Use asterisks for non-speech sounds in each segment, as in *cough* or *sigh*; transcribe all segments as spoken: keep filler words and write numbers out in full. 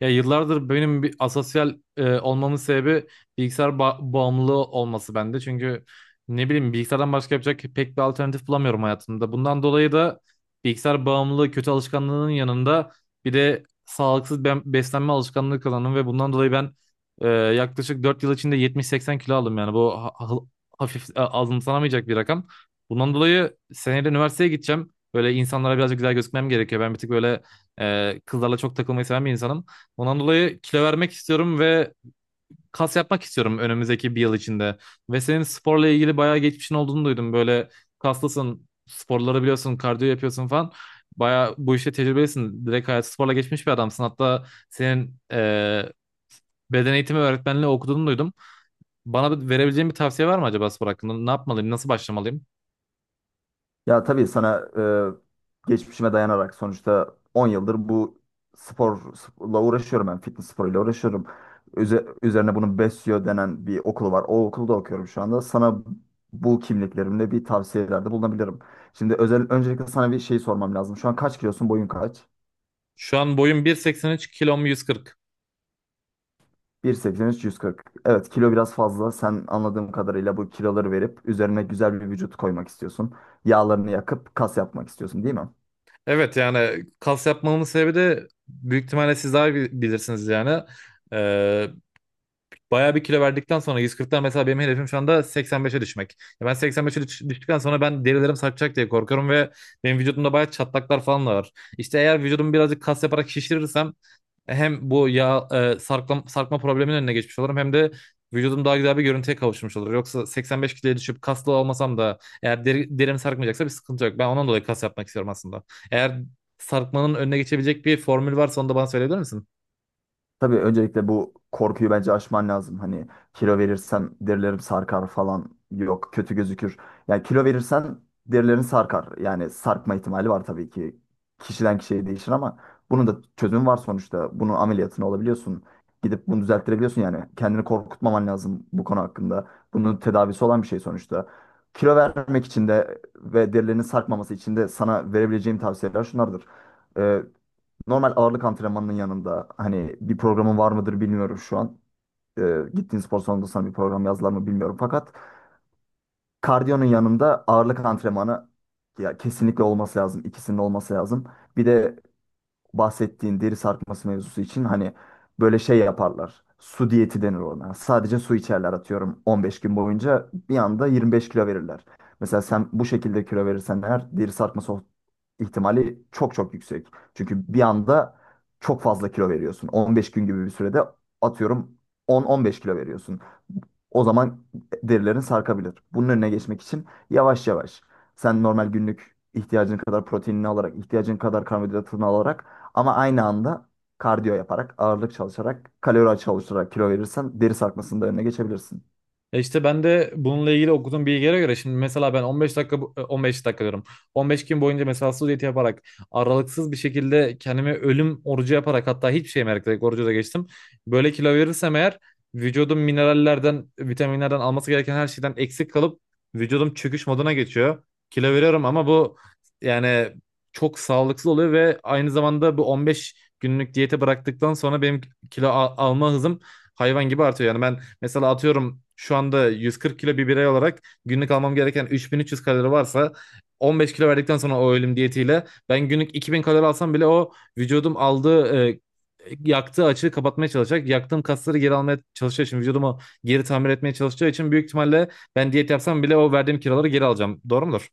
Ya yıllardır benim bir asosyal e, olmamın sebebi bilgisayar ba- bağımlılığı olması bende. Çünkü ne bileyim bilgisayardan başka yapacak pek bir alternatif bulamıyorum hayatımda. Bundan dolayı da bilgisayar bağımlılığı kötü alışkanlığının yanında bir de sağlıksız ben- beslenme alışkanlığı kazandım ve bundan dolayı ben e, yaklaşık dört yıl içinde yetmiş seksen kilo aldım yani. Bu ha- ha- hafif, e, azımsanamayacak bir rakam. Bundan dolayı seneye de üniversiteye gideceğim. Böyle insanlara birazcık güzel gözükmem gerekiyor. Ben bir tık böyle e, kızlarla çok takılmayı seven bir insanım. Ondan dolayı kilo vermek istiyorum ve kas yapmak istiyorum önümüzdeki bir yıl içinde. Ve senin sporla ilgili bayağı geçmişin olduğunu duydum. Böyle kaslısın, sporları biliyorsun, kardiyo yapıyorsun falan. Bayağı bu işte tecrübelisin. Direkt hayatı sporla geçmiş bir adamsın. Hatta senin eee, beden eğitimi öğretmenliği okuduğunu duydum. Bana verebileceğin bir tavsiye var mı acaba spor hakkında? Ne yapmalıyım, nasıl başlamalıyım? Ya tabii sana e, geçmişime dayanarak sonuçta on yıldır bu sporla uğraşıyorum ben. Fitness sporuyla uğraşıyorum. Üze- üzerine bunun Besyo denen bir okulu var. O okulda okuyorum şu anda. Sana bu kimliklerimle bir tavsiyelerde bulunabilirim. Şimdi özel öncelikle sana bir şey sormam lazım. Şu an kaç kilosun? Boyun kaç? Şu an boyum bir seksen üç, kilom yüz kırk. bir nokta seksen üç, yüz kırk. Evet, kilo biraz fazla. Sen anladığım kadarıyla bu kiloları verip üzerine güzel bir vücut koymak istiyorsun. Yağlarını yakıp kas yapmak istiyorsun, değil mi? Evet, yani kas yapmamın sebebi de büyük ihtimalle siz daha bi- bilirsiniz yani. Ee, Bayağı bir kilo verdikten sonra yüz kırktan mesela benim hedefim şu anda seksen beşe düşmek. Ya Ben seksen beşe düş- düştükten sonra ben derilerim sarkacak diye korkuyorum ve benim vücudumda bayağı çatlaklar falan da var. İşte eğer vücudumu birazcık kas yaparak şişirirsem hem bu yağ e, sarkma, sarkma probleminin önüne geçmiş olurum hem de vücudum daha güzel bir görüntüye kavuşmuş olur. Yoksa seksen beş kiloya düşüp kaslı olmasam da eğer deri, derim sarkmayacaksa bir sıkıntı yok. Ben ondan dolayı kas yapmak istiyorum aslında. Eğer sarkmanın önüne geçebilecek bir formül varsa onu da bana söyleyebilir misin? Tabii öncelikle bu korkuyu bence aşman lazım. Hani kilo verirsen derilerim sarkar falan, yok, kötü gözükür. Yani kilo verirsen derilerin sarkar. Yani sarkma ihtimali var tabii ki. Kişiden kişiye değişir ama bunun da çözümü var sonuçta. Bunun ameliyatını olabiliyorsun. Gidip bunu düzelttirebiliyorsun yani. Kendini korkutmaman lazım bu konu hakkında. Bunun tedavisi olan bir şey sonuçta. Kilo vermek için de ve derilerinin sarkmaması için de sana verebileceğim tavsiyeler şunlardır. Ee, Normal ağırlık antrenmanının yanında hani bir programın var mıdır bilmiyorum şu an. Ee, Gittiğin spor salonunda sana bir program yazdılar mı bilmiyorum. Fakat kardiyonun yanında ağırlık antrenmanı ya kesinlikle olması lazım. İkisinin olması lazım. Bir de bahsettiğin deri sarkması mevzusu için hani böyle şey yaparlar. Su diyeti denir ona. Sadece su içerler, atıyorum on beş gün boyunca bir anda yirmi beş kilo verirler. Mesela sen bu şekilde kilo verirsen eğer deri sarkması o- ihtimali çok çok yüksek. Çünkü bir anda çok fazla kilo veriyorsun. on beş gün gibi bir sürede atıyorum on on beş kilo veriyorsun. O zaman derilerin sarkabilir. Bunun önüne geçmek için yavaş yavaş sen normal günlük ihtiyacın kadar proteinini alarak, ihtiyacın kadar karbonhidratını alarak, ama aynı anda kardiyo yaparak, ağırlık çalışarak, kalori çalışarak kilo verirsen deri sarkmasının da önüne geçebilirsin. Ya işte ben de bununla ilgili okuduğum bilgilere göre şimdi mesela ben on beş dakika bu- on beş dakika diyorum. on beş gün boyunca mesela diyet yaparak aralıksız bir şekilde kendime ölüm orucu yaparak hatta hiçbir şey yemek, direkt orucu da geçtim. Böyle kilo verirsem eğer vücudum minerallerden, vitaminlerden, alması gereken her şeyden eksik kalıp vücudum çöküş moduna geçiyor. Kilo veriyorum ama bu yani çok sağlıksız oluyor ve aynı zamanda bu on beş günlük diyete bıraktıktan sonra benim kilo al- alma hızım hayvan gibi artıyor. Yani ben Mesela atıyorum şu anda yüz kırk kilo bir birey olarak günlük almam gereken üç bin üç yüz kalori varsa on beş kilo verdikten sonra o ölüm diyetiyle ben günlük iki bin kalori alsam bile o vücudum aldığı e, yaktığı açığı kapatmaya çalışacak. Yaktığım kasları geri almaya çalışacağı için, vücudumu geri tamir etmeye çalışacağı için büyük ihtimalle ben diyet yapsam bile o verdiğim kiloları geri alacağım. Doğru mudur?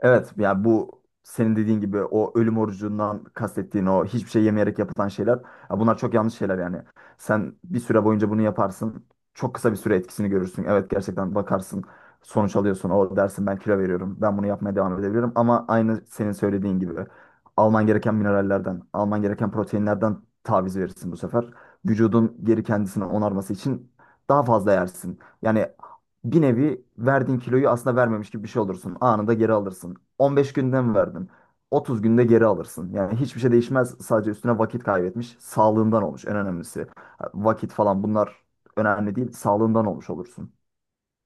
Evet, yani bu senin dediğin gibi o ölüm orucundan kastettiğin o hiçbir şey yemeyerek yapılan şeyler, ya bunlar çok yanlış şeyler yani. Sen bir süre boyunca bunu yaparsın. Çok kısa bir süre etkisini görürsün. Evet, gerçekten bakarsın sonuç alıyorsun. O dersin ben kilo veriyorum. Ben bunu yapmaya devam edebilirim. Ama aynı senin söylediğin gibi alman gereken minerallerden, alman gereken proteinlerden taviz verirsin bu sefer. Vücudun geri kendisini onarması için daha fazla yersin. Yani bir nevi verdiğin kiloyu aslında vermemiş gibi bir şey olursun. Anında geri alırsın. on beş günde mi verdin? otuz günde geri alırsın. Yani hiçbir şey değişmez. Sadece üstüne vakit kaybetmiş, sağlığından olmuş en önemlisi. Vakit falan bunlar önemli değil. Sağlığından olmuş olursun.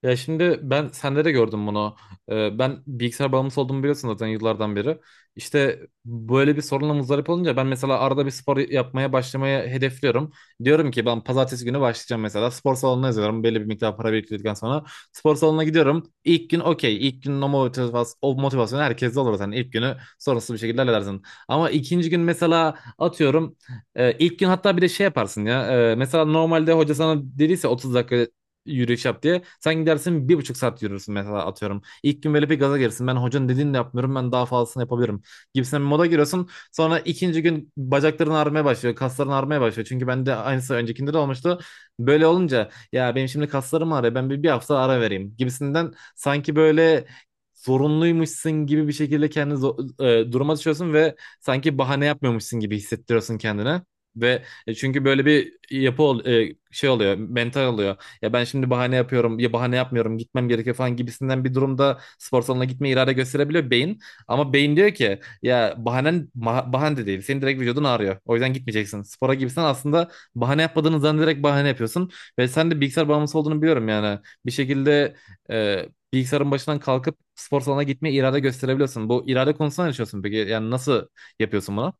Ya şimdi ben sende de gördüm bunu. Ee, ben bilgisayar bağımlısı olduğumu biliyorsun zaten yıllardan beri. İşte böyle bir sorunla muzdarip olunca ben mesela arada bir spor yapmaya başlamaya hedefliyorum. Diyorum ki ben pazartesi günü başlayacağım mesela. Spor salonuna yazıyorum. Belli bir miktar para biriktirdikten sonra spor salonuna gidiyorum. İlk gün okey. İlk günün o motivasyon, o motivasyon herkeste olur zaten. İlk günü sorunsuz bir şekilde halledersin. Ama ikinci gün mesela atıyorum. E, ilk gün hatta bir de şey yaparsın ya. E, mesela normalde hoca sana dediyse otuz dakika yürüyüş yap diye. Sen gidersin bir buçuk saat yürürsün mesela atıyorum. İlk gün böyle bir gaza gelirsin. Ben hocanın dediğini de yapmıyorum. Ben daha fazlasını yapabilirim. Gibisinden bir moda giriyorsun. Sonra ikinci gün bacakların ağrımaya başlıyor. Kasların ağrımaya başlıyor. Çünkü bende aynısı öncekinde de olmuştu. Böyle olunca ya benim şimdi kaslarım ağrıyor. Ben bir, bir hafta ara vereyim gibisinden sanki böyle zorunluymuşsun gibi bir şekilde kendini zo- e, duruma düşüyorsun ve sanki bahane yapmıyormuşsun gibi hissettiriyorsun kendine. Ve e, çünkü böyle bir yapı ol- e, şey oluyor, mental oluyor, ya ben şimdi bahane yapıyorum ya bahane yapmıyorum gitmem gerekiyor falan gibisinden bir durumda spor salonuna gitme irade gösterebiliyor beyin. Ama beyin diyor ki ya bahanen ma- bahane de değil. Senin direkt vücudun ağrıyor. O yüzden gitmeyeceksin spora, gibisinden aslında bahane yapmadığını zannederek bahane yapıyorsun. Ve sen de bilgisayar bağımlısı olduğunu biliyorum yani. Bir şekilde e, bilgisayarın başından kalkıp spor salonuna gitmeye irade gösterebiliyorsun. Bu irade konusunda ne düşünüyorsun peki? Yani nasıl yapıyorsun bunu?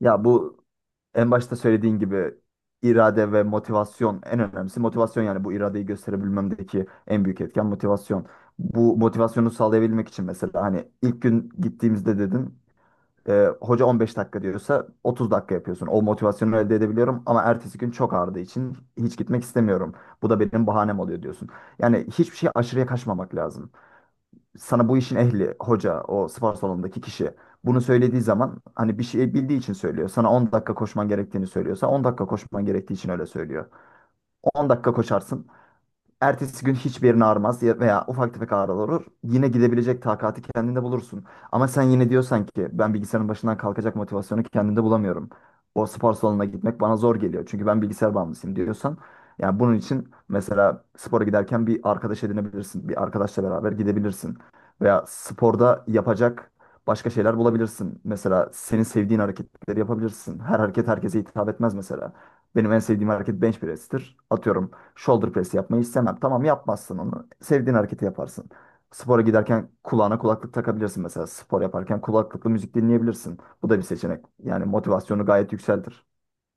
Ya, bu en başta söylediğin gibi irade ve motivasyon en önemlisi. Motivasyon, yani bu iradeyi gösterebilmemdeki en büyük etken motivasyon. Bu motivasyonu sağlayabilmek için mesela hani ilk gün gittiğimizde dedin, E, hoca on beş dakika diyorsa otuz dakika yapıyorsun. O motivasyonu elde edebiliyorum ama ertesi gün çok ağrıdığı için hiç gitmek istemiyorum. Bu da benim bahanem oluyor diyorsun. Yani hiçbir şey aşırıya kaçmamak lazım. Sana bu işin ehli, hoca, o spor salonundaki kişi bunu söylediği zaman hani bir şey bildiği için söylüyor. Sana on dakika koşman gerektiğini söylüyorsa on dakika koşman gerektiği için öyle söylüyor. On dakika koşarsın. Ertesi gün hiçbir yerin ağrımaz ya- veya ufak tefek ağrılar olur. Yine gidebilecek takati kendinde bulursun. Ama sen yine diyorsan ki ben bilgisayarın başından kalkacak motivasyonu kendimde bulamıyorum. O spor salonuna gitmek bana zor geliyor. Çünkü ben bilgisayar bağımlısıyım diyorsan. Yani bunun için mesela spora giderken bir arkadaş edinebilirsin. Bir arkadaşla beraber gidebilirsin. Veya sporda yapacak başka şeyler bulabilirsin. Mesela senin sevdiğin hareketleri yapabilirsin. Her hareket herkese hitap etmez mesela. Benim en sevdiğim hareket bench press'tir. Atıyorum, shoulder press yapmayı istemem. Tamam, yapmazsın onu. Sevdiğin hareketi yaparsın. Spora giderken kulağına kulaklık takabilirsin mesela. Spor yaparken kulaklıklı müzik dinleyebilirsin. Bu da bir seçenek. Yani motivasyonu gayet yükseltir.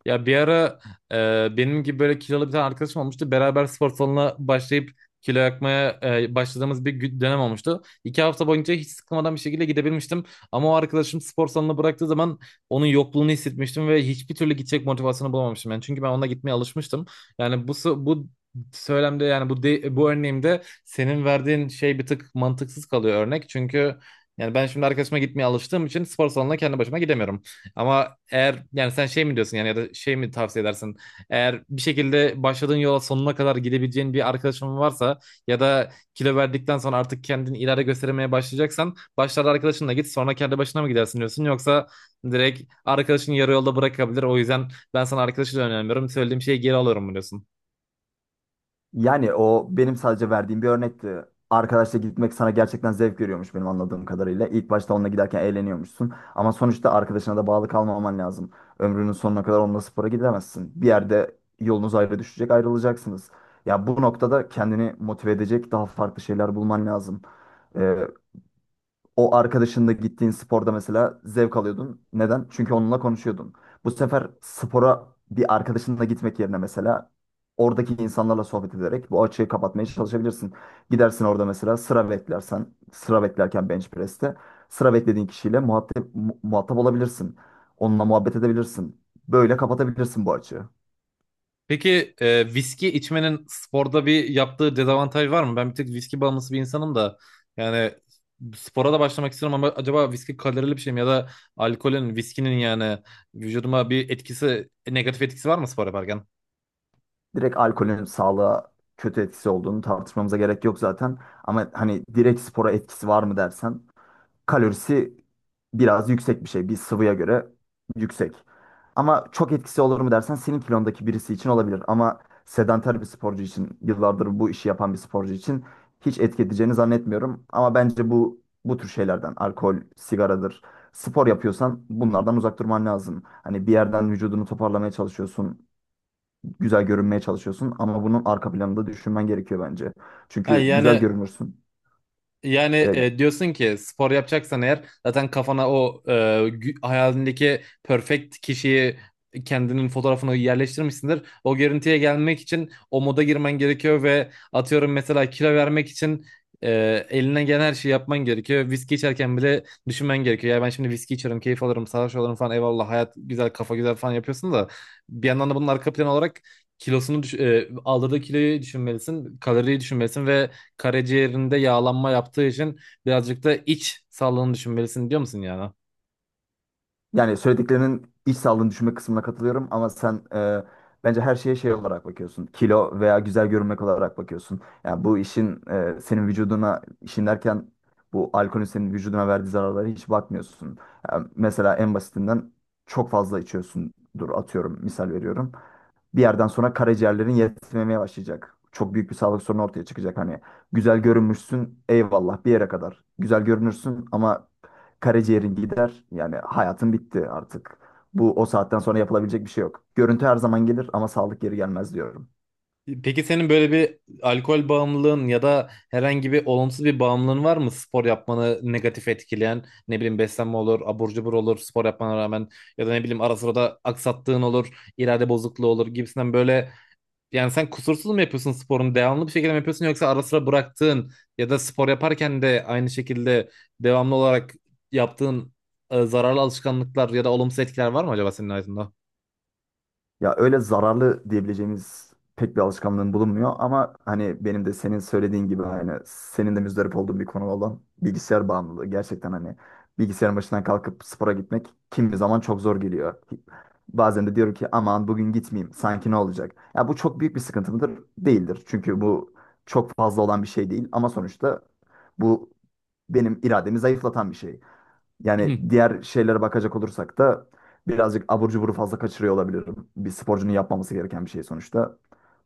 Ya bir ara e, benim gibi böyle kilolu bir tane arkadaşım olmuştu. Beraber spor salonuna başlayıp kilo yakmaya e, başladığımız bir gü- dönem olmuştu. İki hafta boyunca hiç sıkılmadan bir şekilde gidebilmiştim. Ama o arkadaşım spor salonuna bıraktığı zaman onun yokluğunu hissetmiştim ve hiçbir türlü gidecek motivasyonu bulamamıştım. Yani çünkü ben onunla gitmeye alışmıştım. Yani bu s- bu söylemde, yani bu de- bu örneğimde senin verdiğin şey bir tık mantıksız kalıyor örnek. Çünkü yani ben şimdi arkadaşıma gitmeye alıştığım için spor salonuna kendi başıma gidemiyorum. Ama eğer, yani sen şey mi diyorsun yani, ya da şey mi tavsiye edersin? Eğer bir şekilde başladığın yola sonuna kadar gidebileceğin bir arkadaşın varsa ya da kilo verdikten sonra artık kendini ileride gösteremeye başlayacaksan başlarda arkadaşınla git sonra kendi başına mı gidersin diyorsun, yoksa direkt arkadaşın yarı yolda bırakabilir o yüzden ben sana arkadaşı da önermiyorum, söylediğim şeyi geri alıyorum mu diyorsun? Yani o benim sadece verdiğim bir örnekti. Arkadaşla gitmek sana gerçekten zevk veriyormuş benim anladığım kadarıyla. İlk başta onunla giderken eğleniyormuşsun. Ama sonuçta arkadaşına da bağlı kalmaman lazım. Ömrünün sonuna kadar onunla spora gidemezsin. Bir yerde yolunuz ayrı düşecek, ayrılacaksınız. Ya, bu noktada kendini motive edecek daha farklı şeyler bulman lazım. Ee, O arkadaşınla gittiğin sporda mesela zevk alıyordun. Neden? Çünkü onunla konuşuyordun. Bu sefer spora bir arkadaşınla gitmek yerine mesela oradaki insanlarla sohbet ederek bu açığı kapatmaya çalışabilirsin. Gidersin orada mesela, sıra beklersen, sıra beklerken bench press'te sıra beklediğin kişiyle muhatap, mu- muhatap olabilirsin. Onunla muhabbet edebilirsin. Böyle kapatabilirsin bu açığı. Peki, e, viski içmenin sporda bir yaptığı dezavantaj var mı? Ben bir tek viski bağımlısı bir insanım da, yani spora da başlamak istiyorum ama acaba viski kalorili bir şey mi, ya da alkolün, viskinin yani vücuduma bir etkisi, negatif etkisi var mı spor yaparken? Direkt alkolün sağlığa kötü etkisi olduğunu tartışmamıza gerek yok zaten. Ama hani direkt spora etkisi var mı dersen, kalorisi biraz yüksek bir şey. Bir sıvıya göre yüksek. Ama çok etkisi olur mu dersen senin kilondaki birisi için olabilir. Ama sedanter bir sporcu için, yıllardır bu işi yapan bir sporcu için hiç etki edeceğini zannetmiyorum. Ama bence bu bu tür şeylerden, alkol, sigaradır, spor yapıyorsan bunlardan uzak durman lazım. Hani bir yerden vücudunu toparlamaya çalışıyorsun, güzel görünmeye çalışıyorsun ama bunun arka planını da düşünmen gerekiyor bence. Ha, Çünkü güzel yani, görünürsün, Yani e, e, diyorsun ki spor yapacaksan eğer zaten kafana o e, gü- hayalindeki perfect kişiyi, kendinin fotoğrafını yerleştirmişsindir. O görüntüye gelmek için o moda girmen gerekiyor ve atıyorum mesela kilo vermek için e, eline gelen her şeyi yapman gerekiyor. Viski içerken bile düşünmen gerekiyor. Ya ben şimdi viski içerim, keyif alırım, sarhoş olurum falan eyvallah, hayat güzel, kafa güzel falan yapıyorsun da bir yandan da bunun arka planı olarak kilosunu düş- e, aldırdığı kiloyu düşünmelisin, kaloriyi düşünmelisin ve karaciğerinde yağlanma yaptığı için birazcık da iç sağlığını düşünmelisin diyor musun yani? Yani söylediklerinin iç sağlığını düşünme kısmına katılıyorum ama sen e, bence her şeye şey olarak bakıyorsun. Kilo veya güzel görünmek olarak bakıyorsun. Yani bu işin e, senin vücuduna, işin derken bu alkolün senin vücuduna verdiği zararlara hiç bakmıyorsun. Yani mesela en basitinden çok fazla içiyorsundur, atıyorum, misal veriyorum, bir yerden sonra karaciğerlerin yetmemeye başlayacak. Çok büyük bir sağlık sorunu ortaya çıkacak. Hani güzel görünmüşsün, eyvallah, bir yere kadar. Güzel görünürsün ama karaciğerin gider. Yani hayatın bitti artık. Bu o saatten sonra yapılabilecek bir şey yok. Görüntü her zaman gelir ama sağlık geri gelmez diyorum. Peki senin böyle bir alkol bağımlılığın ya da herhangi bir olumsuz bir bağımlılığın var mı? Spor yapmanı negatif etkileyen, ne bileyim, beslenme olur, abur cubur olur spor yapmana rağmen, ya da ne bileyim ara sıra da aksattığın olur, irade bozukluğu olur gibisinden böyle. Yani sen kusursuz mu yapıyorsun sporunu? Devamlı bir şekilde mi yapıyorsun yoksa ara sıra bıraktığın ya da spor yaparken de aynı şekilde devamlı olarak yaptığın e, zararlı alışkanlıklar ya da olumsuz etkiler var mı acaba senin hayatında? Ya öyle zararlı diyebileceğimiz pek bir alışkanlığım bulunmuyor ama hani benim de senin söylediğin gibi, hani senin de müzdarip olduğun bir konu olan bilgisayar bağımlılığı. Gerçekten hani bilgisayarın başından kalkıp spora gitmek kimi zaman çok zor geliyor. Bazen de diyorum ki aman bugün gitmeyeyim, sanki ne olacak? Ya bu çok büyük bir sıkıntı mıdır? Değildir. Çünkü bu çok fazla olan bir şey değil ama sonuçta bu benim irademi zayıflatan bir şey. Yani *clears throat* diğer şeylere bakacak olursak da birazcık abur cuburu fazla kaçırıyor olabilirim. Bir sporcunun yapmaması gereken bir şey sonuçta.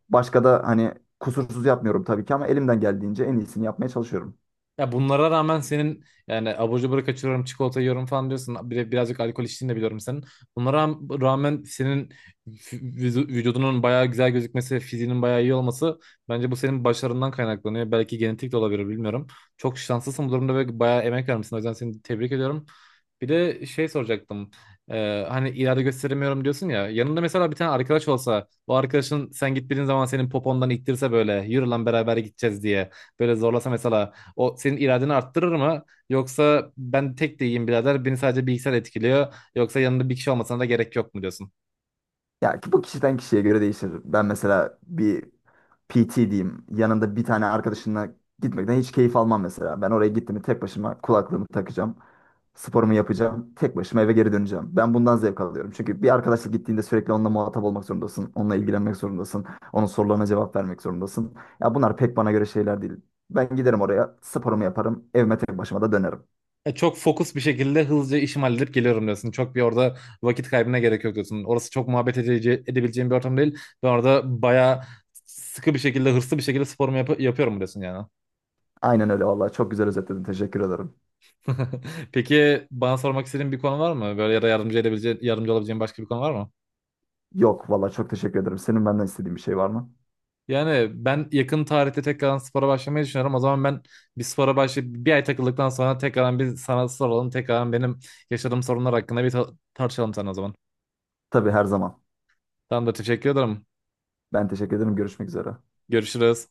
Başka da hani, kusursuz yapmıyorum tabii ki ama elimden geldiğince en iyisini yapmaya çalışıyorum. Ya bunlara rağmen senin, yani abur cubur kaçırıyorum, çikolata yiyorum falan diyorsun. Bir de birazcık alkol içtiğini de biliyorum senin. Bunlara ra- rağmen senin vü- vücu- vücudunun bayağı güzel gözükmesi, fiziğinin bayağı iyi olması bence bu senin başarından kaynaklanıyor. Belki genetik de olabilir, bilmiyorum. Çok şanslısın bu durumda ve bayağı emek vermişsin. O yüzden seni tebrik ediyorum. Bir de şey soracaktım. Ee, hani irade gösteremiyorum diyorsun ya. Yanında mesela bir tane arkadaş olsa, o arkadaşın sen gittiğin zaman senin popondan ittirse böyle, yürü lan beraber gideceğiz diye. Böyle zorlasa mesela o senin iradeni arttırır mı? Yoksa ben tek de iyiyim birader. Beni sadece bilgisayar etkiliyor. Yoksa yanında bir kişi olmasına da gerek yok mu diyorsun? Ya ki bu kişiden kişiye göre değişir. Ben mesela bir P T diyeyim. Yanında bir tane arkadaşınla gitmekten hiç keyif almam mesela. Ben oraya gittim tek başıma, kulaklığımı takacağım. Sporumu yapacağım. Tek başıma eve geri döneceğim. Ben bundan zevk alıyorum. Çünkü bir arkadaşla gittiğinde sürekli onunla muhatap olmak zorundasın. Onunla ilgilenmek zorundasın. Onun sorularına cevap vermek zorundasın. Ya bunlar pek bana göre şeyler değil. Ben giderim oraya, sporumu yaparım. Evime tek başıma da dönerim. E, çok fokus bir şekilde hızlıca işimi halledip geliyorum diyorsun. Çok bir orada vakit kaybına gerek yok diyorsun. Orası çok muhabbet edece- edebileceğim bir ortam değil. Ben orada bayağı sıkı bir şekilde, hırslı bir şekilde sporumu yap- yapıyorum diyorsun yani. Aynen öyle, vallahi çok güzel özetledin. Teşekkür ederim. *laughs* Peki bana sormak istediğin bir konu var mı? Böyle ya da yardımcı edebileceğin, yardımcı olabileceğin başka bir konu var mı? Yok, vallahi çok teşekkür ederim. Senin benden istediğin bir şey var mı? Yani ben yakın tarihte tekrardan spora başlamayı düşünüyorum. O zaman ben bir spora başlayıp bir ay takıldıktan sonra tekrardan bir sana soralım. Tekrardan benim yaşadığım sorunlar hakkında bir ta- tartışalım sana o zaman. Tabii, her zaman. Tamamdır, teşekkür ederim. Ben teşekkür ederim. Görüşmek üzere. Görüşürüz.